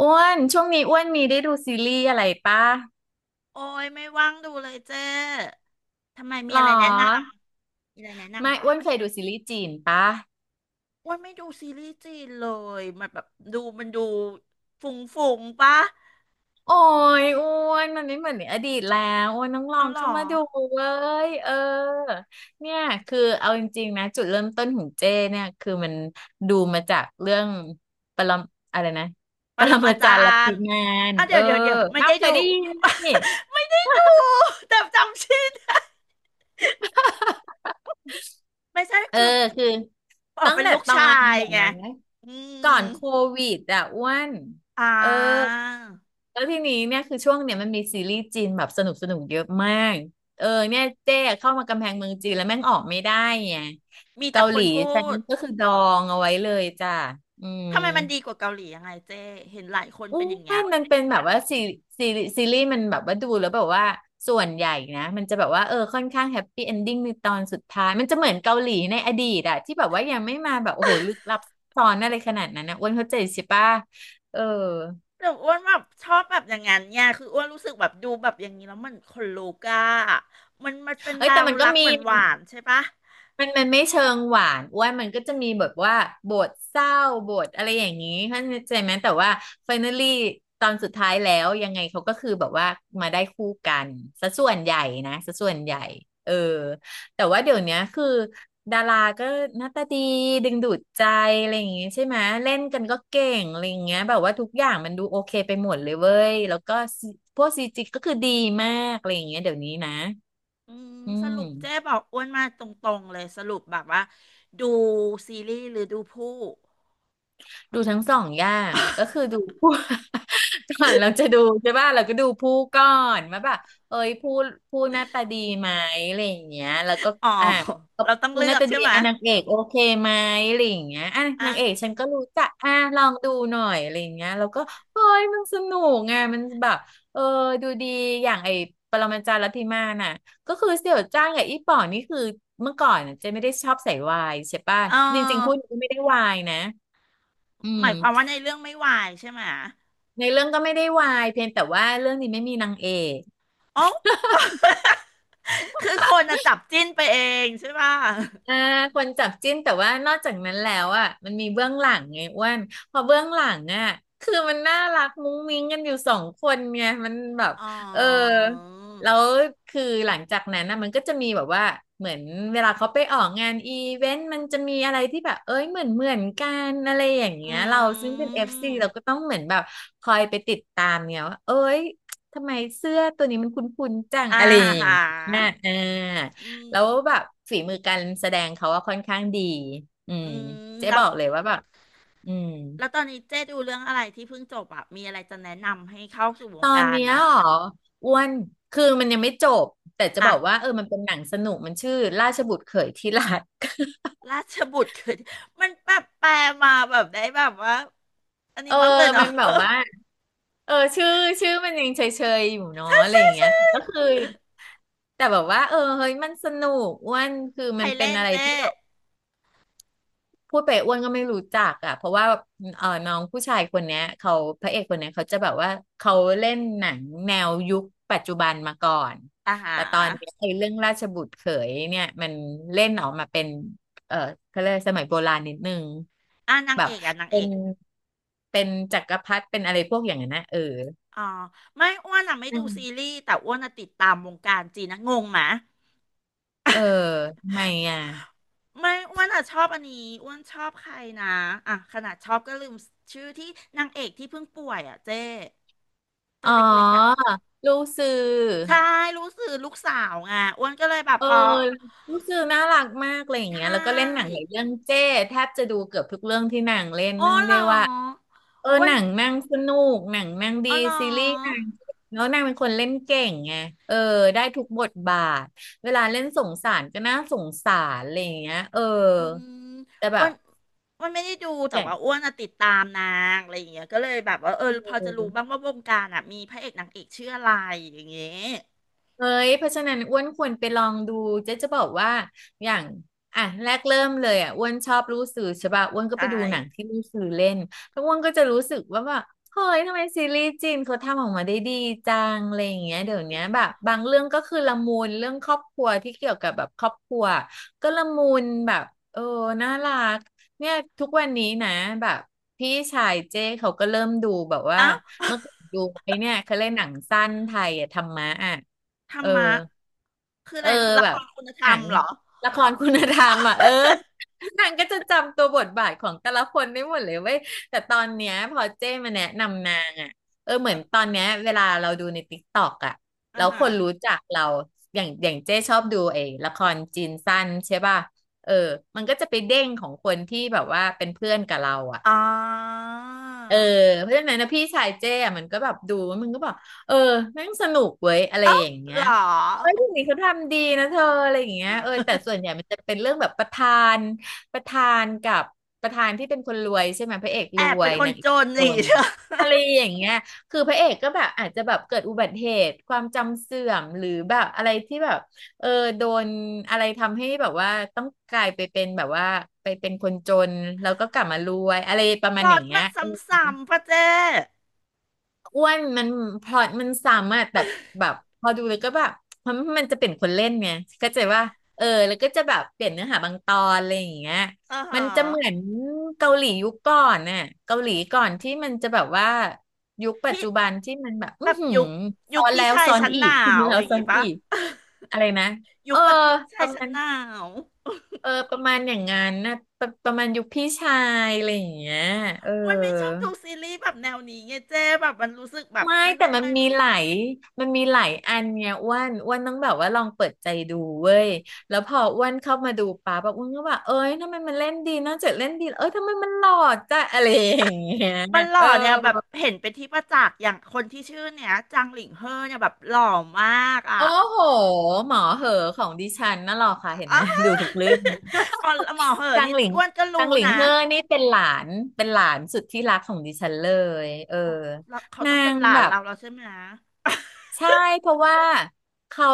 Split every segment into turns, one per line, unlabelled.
อ้วนช่วงนี้อ้วนมีได้ดูซีรีส์อะไรปะ
โอ้ยไม่ว่างดูเลยเจ้ทำไม
ห
มี
รอ
อะไรแนะนำมีอะไรแนะ
ไม่
นำปะ
อ้วนเคยดูซีรีส์จีนปะ
โอ้ยไม่ดูซีรีส์จีนเลยมันแบบดูมันดูฝุ่งฝุ่งปะ
โอ้ยอ้วนมันไม่เหมือนในอดีตแล้วอ้วนต้องลอ
เอา
ง
หรอ
เข้ามาดูเว้ยเนี่ยคือเอาจริงๆนะจุดเริ่มต้นของเจ้เนี่ยคือมันดูมาจากเรื่องปรมอะไรนะ
ป
ป
ร
ร
มา
มา
จา
จารย์ลัท
ร
ธิ
ย์
มาน
อ่ะเดี๋ยวเดี๋ยวเดี๋ยวไม่
อ้าว
ได้
เค
ดู
ยได้ยินนี่
ไม่ได้ดูแต่จำชื่อได้ไม่ใช่
เออ
คือ
คือ
ออก
ตั้ง
เป็น
แต่
ลูก
ตอ
ชา
น
ย
เดี๋ยว
ไง
นะ
อืม
ก่อนโควิดอ่ะอ้วน
อ่
เออ
า
แล้วทีนี้เนี่ยคือช่วงเนี่ยมันมีซีรีส์จีนแบบสนุกสนุกเยอะมากเนี่ยเจ๊เข้ามากำแพงเมืองจีนแล้วแม่งออกไม่ได้ไง
มีแต่
เกา
ค
หลี
นพู
ฉัน
ด
ก็คือดองเอาไว้เลยจ้ะอืม
ทำไมมันดีกว่าเกาหลียังไงเจ้เห็นหลายคน
อู้
เป็นอย่างเงี้
ไม่
ย
มันเป็นแบบว่าซีซีรีส์มันแบบว่าดูแล้วแบบว่าส่วนใหญ่นะมันจะแบบว่าค่อนข้างแฮปปี้เอนดิ้งในตอนสุดท้ายมันจะเหมือนเกาหลีในอดีตอะที่แบบว่ายังไม่มาแบบโอ้โหลึกลับซับซ้อนอะไรขนาดนั้นนะอ้วนเข้าใจใช่ปะเออ
แต่อ้วนแบบชอบแบบอย่างนั้นเนี่ยคืออ้วนรู้สึกแบบดูแบบอย่างนี้แล้วมันลูกอะมันเป็น
เอ้
แน
ยแต่
ว
มันก็
รัก
มี
หวานหวานใช่ปะ
มันไม่เชิงหวานอ้วนมันก็จะมีแบบว่าบทเศร้าบทอะไรอย่างนี้เข้าใจไหมแต่ว่า finally ตอนสุดท้ายแล้วยังไงเขาก็คือแบบว่ามาได้คู่กันซะส่วนใหญ่นะซะส่วนใหญ่เออแต่ว่าเดี๋ยวเนี้ยคือดาราก็หน้าตาดีดึงดูดใจอะไรอย่างงี้ใช่ไหมเล่นกันก็เก่งอะไรอย่างเงี้ยแบบว่าทุกอย่างมันดูโอเคไปหมดเลยเว้ยแล้วก็ซีพวกซีจีก็คือดีมากอะไรอย่างเงี้ยเดี๋ยวนี้นะ
อืม
อื
ส
ม
รุปเจ๊บอกอ้วนมาตรงๆเลยสรุปแบบว่าดูซีรีส์หรือดูผู้
ดูทั้งสองอย่างก็คือดูผู้ ก่อนเราจะดูใช่ป่ะเราก็ดูผู้ก่อนว่าแบบเอ้ยผู้หน้าตาดีไหมอะไรอย่างเงี้ยแล้วก็
อ๋อ
อ่ะก็
เราต้อง
ผู้
เลื
หน้า
อก
ตา
ใช่
ดี
ไหม
อ่ะนางเอกโอเคไหมอะไรอย่างเงี้ยอ่ะ
อ่ะ
นางเอกฉันก็รู้จักอ่ะลองดูหน่อยอะไรอย่างเงี้ยแล้วก็เฮ้ยมันสนุกไงมันแบบเออดูดีอย่างไอ้ปรมาจารย์ลัทธิมาน่ะก็คือเสี่ยวจ้างกับอีป๋องนี่คือเมื่อก่อนน่ะเจะไม่ได้ชอบใส่วายใช่ป่ะ
เอ
จริงๆคู่
อ
นี้ก็ไม่ได้วายนะอื
ห
ม
มายความว่าในเรื่องไม่วายใช่ไหม
ในเรื่องก็ไม่ได้วายเพียงแต่ว่าเรื่องนี้ไม่มีนางเอก
อ๋อ คือคนจะจับจิ้นไปเองใช่ป่ะ
อ่าคนจับจิ้นแต่ว่านอกจากนั้นแล้วอ่ะมันมีเบื้องหลังไงอ้วนพอเบื้องหลังอ่ะคือมันน่ารักมุ้งมิ้งกันอยู่สองคนไงมันแบบ
อ๋อ
เออแล้วคือหลังจากนั้นนะมันก็จะมีแบบว่าเหมือนเวลาเขาไปออกงานอีเวนต์มันจะมีอะไรที่แบบเอ้ยเหมือนกันอะไรอย่าง
อ
เงี้ยเรา
ื
ซึ่งเป็นเอฟซี
ม
เราก็ต้องเหมือนแบบคอยไปติดตามเนี่ยว่าเอ้ยทำไมเสื้อตัวนี้มันคุ้นๆจัง
อา
อะไรอย่างเ
หา
งี้ยอ่า
อืม
แล้วแบบฝีมือการแสดงเขาว่าค่อนข้างดีอื
อื
ม
ม
เจ๊
แล้
บ
ว
อกเลยว่าแบบอืม
แล้วตอนนี้เจ๊ดูเรื่องอะไรที่เพิ่งจบอะมีอะไรจะแนะนำให้เข้าสู่ว
ต
ง
อน
การ
เนี้ย
มะ
เหรออ้วนคือมันยังไม่จบแต่จะบอกว่า
อ่ะ
มันเป็นหนังสนุกมันชื่อราชบุตรเขยที่รัก
ราชบุตรคือ มันแบบแปลมาแบบได้แบบว่าอัน
เอ
นี้
อ
บ้างเลยเนาะ
มันแบบว่าเออชื่อชื่อมันยังเฉยๆอยู่เนาะอะไรอย่างเงี้ยแต่ ก็คือแต่แบบว่าเออเฮ้ยมันสนุกอ้วนคือ
ใค
มั
ร
นเป็น
เล่น
อะไร
เจ๊
ที่ พูดไปอ้วนก็ไม่รู้จักอ่ะเพราะว่าน้องผู้ชายคนเนี้ยเขาพระเอกคนเนี้ยเขาจะแบบว่าเขาเล่นหนังแนวยุคปัจจุบันมาก่อน
อาหา
แต่ตอนเนี้ยไอ้เรื่องราชบุตรเขยเนี่ยมันเล่นออกมาเป็นเออเขาเรียกสมัยโบราณนิดนึง
อ่ะนาง
แบ
เอ
บ
กอ่ะนาง
เป็
เอ
น
ก
เป็นจักรพรรดิเป็นอะไรพวกอย่างนั้นนะเออ
อ๋อไม่อ้วนอ่ะไม่
อื
ดูซี
ม
รีส์แต่อ้วนอ่ะติดตามวงการจีนนะงงไหมะ
เออทำไมอ่ะ
ไม่อ้วนอ่ะชอบอันนี้อ้วนชอบใครนะอ่ะขนาดชอบก็ลืมชื่อที่นางเอกที่เพิ่งป่วยอ่ะเจ้ตั
อ๋
วเ
อ
ล็กๆอ่ะ
รู้สื่อ
ใช่รู้สึกลูกสาวไงอ้วนก็เลยแบบ
เออ
เพราะ
รู้สึกน่ารักมากอะไรอย่าง
ใช
เงี้ยแล้วก็เล่นหนังห
่
ลายเรื่องเจ้แทบจะดูเกือบทุกเรื่องที่นางเล่น
อ๋อ
เนื่อง
เหร
ด้ว
อ
ยว่าเออ
อ้ว
ห
น
นังนางสนุกหนังนางดี
อ๋อเหร
ซีรีส์นา
อ
งแล้วนางเป็นคนเล่นเก่งไงเออได้ทุกบทบาทเวลาเล่นสงสารก็น่าสงสารอะไรอย่างเงี้ยเออ
อืม
แต่แบ
อ้ว
บ
นไม่ได้ดูแต่
อย่าง
ว่าอ้วนอะติดตามนางอะไรอย่างเงี้ยก็เลยแบบว่าเออพอจะรู้บ้างว่าวงการอ่ะมีพระเอกนางเอกชื่ออะไรอย่างเงี้ย
เอ้ยเพราะฉะนั้นอ้วนควรไปลองดูเจ๊จะบอกว่าอย่างอ่ะแรกเริ่มเลยอ่ะอ้วนชอบรู้สื่อใช่ป่ะอ้วนก็ไป
ใช่
ดูหนังที่รู้สื่อเล่นแล้วอ้วนก็จะรู้สึกว่าแบบเฮ้ยทำไมซีรีส์จีนเขาทำออกมาได้ดีจังอะไรอย่างเงี้ยเดี๋ยว
จริ
เนี้ย
ง
แบบบางเรื่องก็คือละมุนเรื่องครอบครัวที่เกี่ยวกับแบบครอบครัวก็ละมุนแบบเออน่ารักเนี่ยทุกวันนี้นะแบบพี่ชายเจ้เขาก็เริ่มดูแบบว่า
เอ้า
เมื่อก่อนดูไอ้เนี่ยเขาเล่นหนังสั้นไทยอะธรรมะอ่ะ
ธรร
เออ
มะคืออะ
เออ
ไรละ
แบ
ค
บ
รคุณธร
หนั
รม
ง
เหรอ
ละครคุณธรรมอ่ะเออนางก็จะจำตัวบทบาทของแต่ละคนได้หมดเลยเว้ยแต่ตอนเนี้ยพอเจ้มาแนะนำนางอ่ะเออเห
เอ
มือ
อ
นตอนเนี้ยเวลาเราดูในติ๊กต็อกอ่ะ
อ่า
แล้ว
ฮะ
คนรู้จักเราอย่างเจ้ชอบดูไอ้ละครจีนสั้นใช่ป่ะเออมันก็จะไปเด้งของคนที่แบบว่าเป็นเพื่อนกับเราอ่ะ
อ๋อ
เออเพราะฉะนั้นนะพี่ชายเจ้อะมันก็แบบดูแล้วมันก็บอกเออแม่งสนุกเว้ยอะไร
เอ้า
อย่างเงี้
เหร
ย
อ
เอ้ยทนนี้เขาทำดีนะเธออะไรอย่างเงี้ยเออแต่ส่วนให ญ่มันจะเป็นเรื่องแบบนประธานกับประธานที่เป็นคนรวยใช่ไหมพระเอก
แอ
ร
บ
ว
เป็น
ย
คน
นางเอ
จ
ก
น
จ
นี่
น อะไรอย่างเงี้ยคือพระเอกก็แบบอาจจะแบบเกิดอุบัติเหตุความจำเสื่อมหรือแบบอะไรที่แบบเออโดนอะไรทำให้แบบว่าต้องกลายไปเป็นแบบว่าไปเป็นคนจนแล้วก็กลับมารวยอะไรประ
พ
มาณ
ล็
อ
อ
ย่า
ต
งเงี้
มั
ย
น
เออ
ซ้ำๆพระเจ้
อ้วนมันพลอยมันซ้ำอะแต่แบบพอดูเลยก็แบบมันจะเปลี่ยนคนเล่นไงก็จะว่าเออแล้วก็จะแบบเปลี่ยนเนื้อหาบางตอนอะไรอย่างเงี้ย
อ่า
มั
ฮะ
นจะเหมือนเกาหลียุคก่อนน่ะเกาหลีก่อนที่มันจะแบบว่ายุคปัจ
พี่
จุบันที่มันแบบอื
แบ
อ
บ
หือ
ยุคยุ
ซ้อ
ค
น
พี่
แล้ว
ชาย
ซ้อน
ชั้น
อี
หนา
ก
ว
แล้
อ
ว
ย่าง
ซ้อ
งี้
น
ปะ
อีกอะไรนะ เอ
ยุ
อ
คแบบพี่
ป
ชาย
ระ
ชั้
มา
น
ณ
หนาว
อย่างงั้นนะประมาณยุคพี่ชายอะไรอย่างเงี้ยเออ
มันไม่ชอบดูซีรีส์แบบแนวนี้ไงเจ้แบบมันรู้สึกแบบ
ไม่
มัน
แต่
ยัง
มัน
ไง
มีหลายอันเนี่ยอ้วนต้องแบบว่าลองเปิดใจดูเว้ยแล้วพออ้วนเข้ามาดูปั๊บแบบอ้วนก็แบบเอ้ยทำไมมันเล่นดีนอกจากเล่นดีเอ้ยทำไมมันหล่อจ้ะ อะไรอย่างเงี้ย
มันหล่
เออ
อเนี่ยแบบเห็นเป็นที่ประจักษ์อย่างคนที่ชื่อเนี่ยจังหลิงเฮอเนี่ยแบบหล่อมากอ่ะ
โอ้โหหมอเหอของดิฉันน่ะหรอค่ะเห็นไหม ดูทุกเรื่อง
อ๋อหมอเหอะ
จั
นี่
งหลิง
อ้วนก็รู้
จังหลิง
นะ
เฮอนี่เป็นหลานสุดที่รักของดิฉันเลยเออ
อ๋อแล้วเขา
นา
ต้องเป็น
ง
หลา
แบ
น
บ
เราแล้วใช่ไหมนะ
ใช่เพราะว่าเขา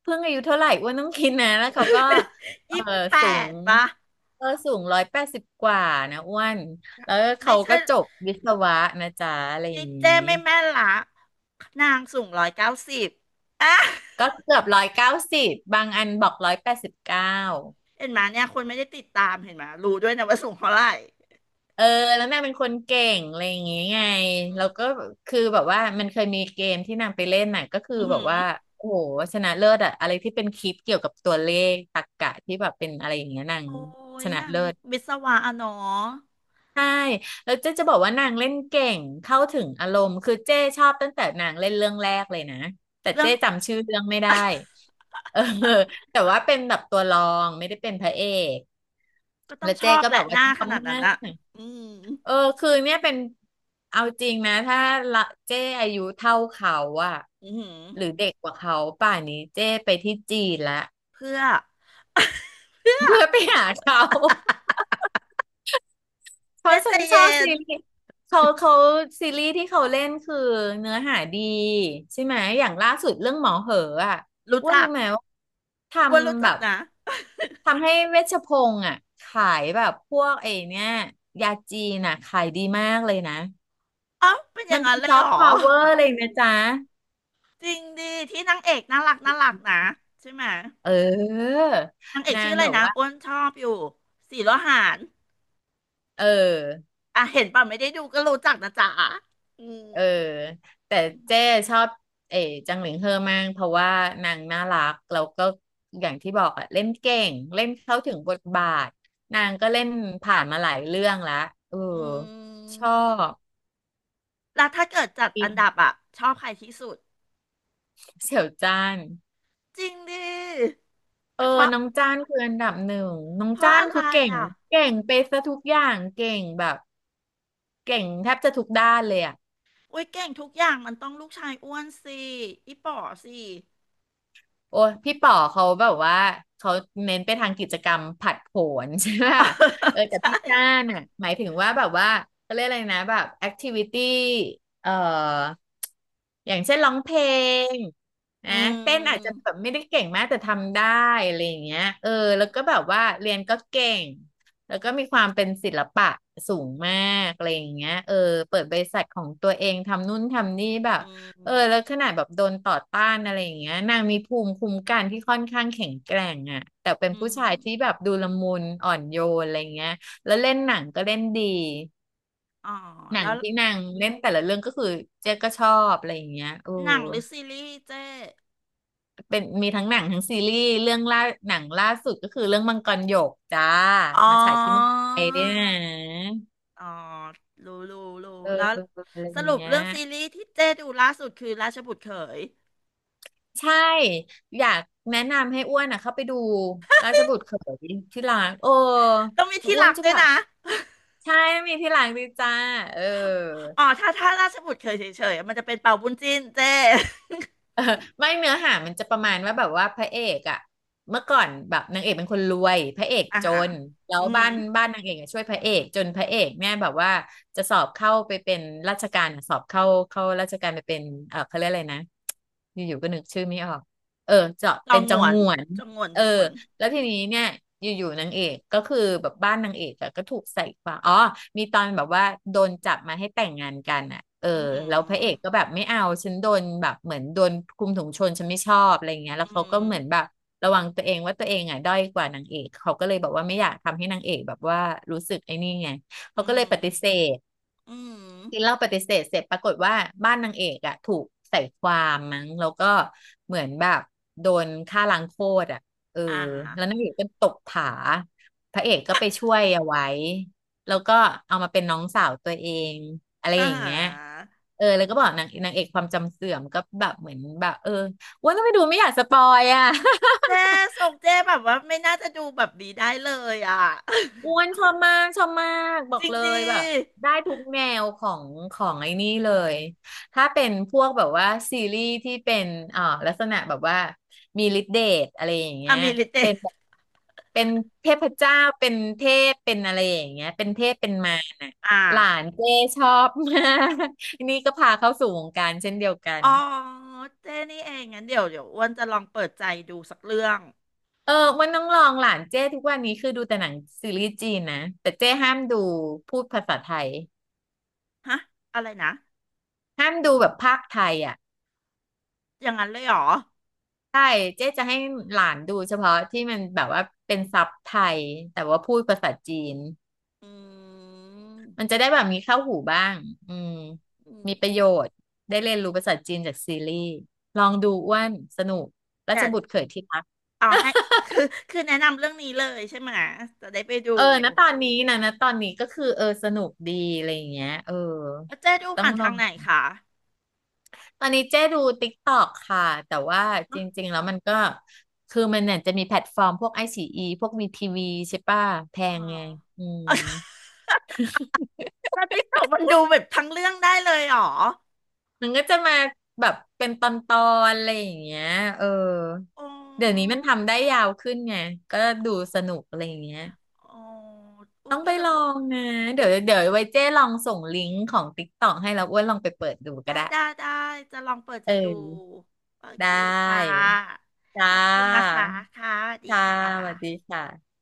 เพิ่งอายุเท่าไหร่อ้วนต้องคิดนะแล้วเขาก็ เออ
ยี่สิบแป
สู
ด
ง
ปะ
สูงร้อยแปดสิบกว่านะอ้วนแล้ว
ไม่
เขา
ใช่
ก็จบวิศวะนะจ๊ะอะไรอ
นี่
ย่างนี้
เจ้ไม่แม่นละนางสูงร้อยเก้าสิบอ่ะ
ก็เกือบ190บางอันบอก189
เห็นไหมเนี่ยคนไม่ได้ติดตามเห็นไหมรู้ด้วยนะว่าสูงเท่าไหร่
เออแล้วนางเป็นคนเก่งอะไรอย่างงี้ไง
อื
แล้
ม
วก็คือแบบว่ามันเคยมีเกมที่นางไปเล่นน่ะก็คือ
ออ
แบ
หื
บ
อ
ว่าโอ้โหชนะเลิศอะอะไรที่เป็นคลิปเกี่ยวกับตัวเลขตรรกะที่แบบเป็นอะไรอย่างเงี้ยนาง
โอ้
ช
ย
นะ
นาง
เลิศ
วิศวะอะเนาะ
ใช่แล้วเจ๊จะบอกว่านางเล่นเก่งเข้าถึงอารมณ์คือเจ๊ชอบตั้งแต่นางเล่นเรื่องแรกเลยนะแต่
เรื่อ
เจ๊
ง
จำชื่อเรื่องไม่ได้เออแต่ว่าเป็นแบบตัวรองไม่ได้เป็นพระเอก
ก็ต้อ
แล้
ง
ว
ช
เจ๊
อบ
ก็
แห
แบ
ละ
บ
ห
ว่า
น้า
ชอ
ข
บ
นาดนั้
มา
น
ก
อะอืม
เออคือเนี่ยเป็นเอาจริงนะถ้าละเจ๊อายุเท่าเขาอะ
อือหือ
หรือเด็กกว่าเขาป่านนี้เจ๊ไปที่จีนละ
เพื่อ เพื่อ
เพื่อไปหาเขา เพราะ
เจ๊ใจ
ฉันชอบ
เย็
ซี
น
รีส์เขาซีรีส์ที่เขาเล่นคือเนื้อหาดีใช่ไหมอย่างล่าสุดเรื่องหมอเหออะ
รู้
ว่า
จั
รู้
ก
ไหมว่าท
ว่ารู้
ำแบ
จัก
บ
นะ
ทำให้เวชพงษ์อะขายแบบพวกไอ้เนี่ยยาจีนอะขายดีมากเลยนะ
เอ้าเป็นอ
มั
ย่า
น
งนั้
เป็
น
น
เล
ซ
ย
อ
เหร
ฟ
อ
ต์พาวเวอร์เลยนะจ๊ะ
จริงดิที่นางเอกน่ารักน่ารักนะใช่ไหม
เออ
นางเอก
นา
ชื่อ
ง
อะไร
แบบ
นะ
ว่า
อ้วนชอบอยู่สีโลหาน
เออ
อ่ะเห็นป่ะไม่ได้ดูก็รู้จักนะจ๊ะอืม
เออแต่เจ้ชอบเอ๋จังหลิงเฮอมากเพราะว่านางน่ารักแล้วก็อย่างที่บอกอะเล่นเก่งเล่นเข้าถึงบทบาทนางก็เล่นผ่านมาหลายเรื่องและเออ
อื
ชอ
ม
บ
แล้วถ้าเกิดจัด
อิ
อันดั
น
บอะชอบใครที่สุด
เสี่ยวจ้าน
จริงดิเพ
เออ
ราะ
น้องจ้านคืออันดับหนึ่งน้อง
เพราะ
จ้าน
อะไร
คือเก่ง
อ่ะ
เก่งไปซะทุกอย่างเก่งแบบเก่งแทบจะทุกด้านเลยอะ
อุ้ยเก่งทุกอย่างมันต้องลูกชายอ้วนสิอีป๋อสิ
โอ้ยพี่ป๋อเขาแบบว่าเขาเน้นไปทางกิจกรรมผัดโผน ใช่ไหม
อ๋อ
เออ แต่
ใช่
พี่จ้านอ่ะหมายถึงว่าแบบว่าเขาเรียกอะไรนะแบบแอคทิวิตี้เอ่ออย่างเช่นร้องเพลง
อื
นะเต้นอาจจะ
ม
แบบไม่ได้เก่งมากแต่ทำได้อะไรอย่างเงี้ยเออแล้วก็แบบว่าเรียนก็เก่งแล้วก็มีความเป็นศิลปะสูงมากอะไรอย่างเงี้ยเออเปิดบริษัทของตัวเองทำนู่นทำนี่แบบ
อื
เออแล้ว
ม
ขนาดแบบโดนต่อต้านอะไรอย่างเงี้ยนางมีภูมิคุ้มกันที่ค่อนข้างแข็งแกร่งอ่ะแต่เป็น
อืม
ผู้ชายที่แบบดูละมุนอ่อนโยนอะไรเงี้ยแล้วเล่นหนังก็เล่นดี
อ๋อ
หนั
แล้
ง
ว
ที่นางเล่นแต่ละเรื่องก็คือเจ๊ก็ชอบอะไรอย่างเงี้ยโอ้
หนังหรือซีรีส์เจ๊
เป็นมีทั้งหนังทั้งซีรีส์เรื่องล่าหนังล่าสุดก็คือเรื่องมังกรหยกจ้า
อ๋อ
มาฉายที่เมืองไทยด้วยนะ
อ๋อรู้รู้รู้
เออ
แล้ว
อะไร
ส
อย่า
รุ
ง
ป
เงี้ย
เรื่องซีรีส์ที่เจ๊ดูล่าสุดคือราชบุตรเขย
ใช่อยากแนะนำให้อ้วนอ่ะเข้าไปดูราชบุตรเขยที่ร้านโอ้
ต้องมีที่
อ้
ห
ว
ลั
น
ก
จะ
ด้ว
แบ
ย
บ
นะ
ใช่มีที่ร้านดีจ้าเออ
อ๋อถ้าถ้าราชบุตรเขยเฉยๆมันจะเป็นเป่าบุญจิ้นเจ๊
เออไม่เนื้อหามันจะประมาณว่าแบบว่าพระเอกอะเมื่อก่อนแบบนางเอกเป็นคนรวยพระเอก
อ่า
จ
ฮะ
นแล้
อื
ว
ม
บ้านนางเอกอะช่วยพระเอกจนพระเอกเนี่ยแบบว่าจะสอบเข้าไปเป็นราชการอะสอบเข้าเข้าราชการไปเป็นเออเขาเรียกอะไรนะอยู่ๆก็นึกชื่อไม่ออกเออจะ
จอ
เป็
ง
น
หง
จัง
วน
หวน
จองหงวน
เอ
จ
อ
องหงวน
แล้วทีนี้เนี่ยอยู่ๆนางเอกก็คือแบบบ้านนางเอกอะก็ถูกใส่ความอ๋อมีตอนแบบว่าโดนจับมาให้แต่งงานกันอ่ะเออ
อื
แล้วพระเอ
ม
กก็แบบไม่เอาฉันโดนแบบเหมือนโดนคุมถุงชนฉันไม่ชอบอะไรอย่างเงี้ยแล้
อื
วเขาก็
ม
เหมือนแบบระวังตัวเองว่าตัวเองอ่ะด้อยกว่านางเอกเขาก็เลยบอกว่าไม่อยากทำให้นางเอกแบบว่ารู้สึกไอ้นี่ไง
อื
เขาก็เลย
ม
ปฏิเสธ
อืม
กินเหล้าปฏิเสธเสร็จปรากฏว่าบ้านนางเอกอะถูกใส่ความมั้งแล้วก็เหมือนแบบโดนฆ่าล้างโคตรอะเออ
อ่า
แล้วนางเอกก็ตกผาพระเอกก็ไปช่วยเอาไว้แล้วก็เอามาเป็นน้องสาวตัวเองอะไร
อ่
อย่างเงี้ย
า
เออแล้วก็บอกนางเอกความจำเสื่อมก็แบบเหมือนแบบอ้วนก็ไปดูไม่อยากสปอยอะ
เจ๊ส่งเจ๊แบบว่าไม่น่าจะดูแบบดีได้เลยอ่ะ
อ้ว นชอบมากชอบมากบอ
จ
ก
ริง
เล
ดี
ยแบบได้ทุกแนวของไอ้นี่เลยถ้าเป็นพวกแบบว่าซีรีส์ที่เป็นลักษณะแบบว่ามีฤทธิ์เดชอะไรอย่าง
อ
เงี้ย
มิลิเต
เป็นแบบเป็นเทพเจ้าเป็นเทพเป็นอะไรอย่างเงี้ยเป็นเทพเป็นมารน่ะ
อ่า
หลานเจ้ชอบมากอันนี่ก็พาเข้าสู่วงการเช่นเดียวกัน
อ๋อเจ๊นี่เองงั้นเดี๋ยวอ้วนจะลองเปิดใจดูสักเรื่อง
เออวันน้องลองหลานเจ้ทุกวันนี้คือดูแต่หนังซีรีส์จีนนะแต่เจ้ห้ามดูพูดภาษาไทย
ฮะอะไรนะ
ห้ามดูแบบภาคไทยอ่ะ
อย่างนั้นเลยเหรอ
ใช่เจ๊จะให้หลานดูเฉพาะที่มันแบบว่าเป็นซับไทยแต่ว่าพูดภาษาจีน
อื
มัน
ม
จะได้แบบมีเข้าหูบ้างอืม
อืม
มีป
อื
ระ
ม
โยชน์ได้เรียนรู้ภาษาจีนจากซีรีส์ลองดูอ้วนสนุกรา
เดี๋
ช
ยว
บุตรเขยที่รัก
เอาให้ คือคือแนะนำเรื่องนี้เลยใช่ไหมะจะได้ไปดู
เออนะตอนนี้นะนะตอนนี้ก็คือสนุกดีอะไรอย่างเงี้ยเออ
แล้วเจ๊ดู
ต้อง
ผ่าน
ล
ทา
อ
ง
ง
ไหนคะ
ตอนนี้เจ๊ดู TikTok ค่ะแต่ว่าจริงๆแล้วมันก็คือมันเนี่ยจะมีแพลตฟอร์มพวก ICE พวกวี TV ใช่ป่ะแพ
อ๋อ
งไงอืม
แ้าติ๊กต็อกมันดูแบบทั้งเรื่องได้เลยเหรอ
มันก็จะมาแบบเป็นตอนๆอะไรอย่างเงี้ยเออ
อ๋อ
เดี๋ยวนี้มันทำได้ยาวขึ้นไงก็ดูสนุกอะไรอย่างเงี้ย
อ๋ออ้
ต้
ว
อ
น
ง
ก็
ไป
นึก
ลอ
ว่า
งนะเดี๋ยวไว้เจ๊ลองส่งลิงก์ของ TikTok ให้แล้วอ้วนลองไปเปิดดูก็
ได้
ได้
ได้ได้จะลองเปิดใจ
เอ
ดู
อ
โอเค
ได้
ค่ะข
จ้า
อบคุณนะคะ ค่ะสวัสดี
ค่ะ
ค่ะ
สวัสดีค่ะ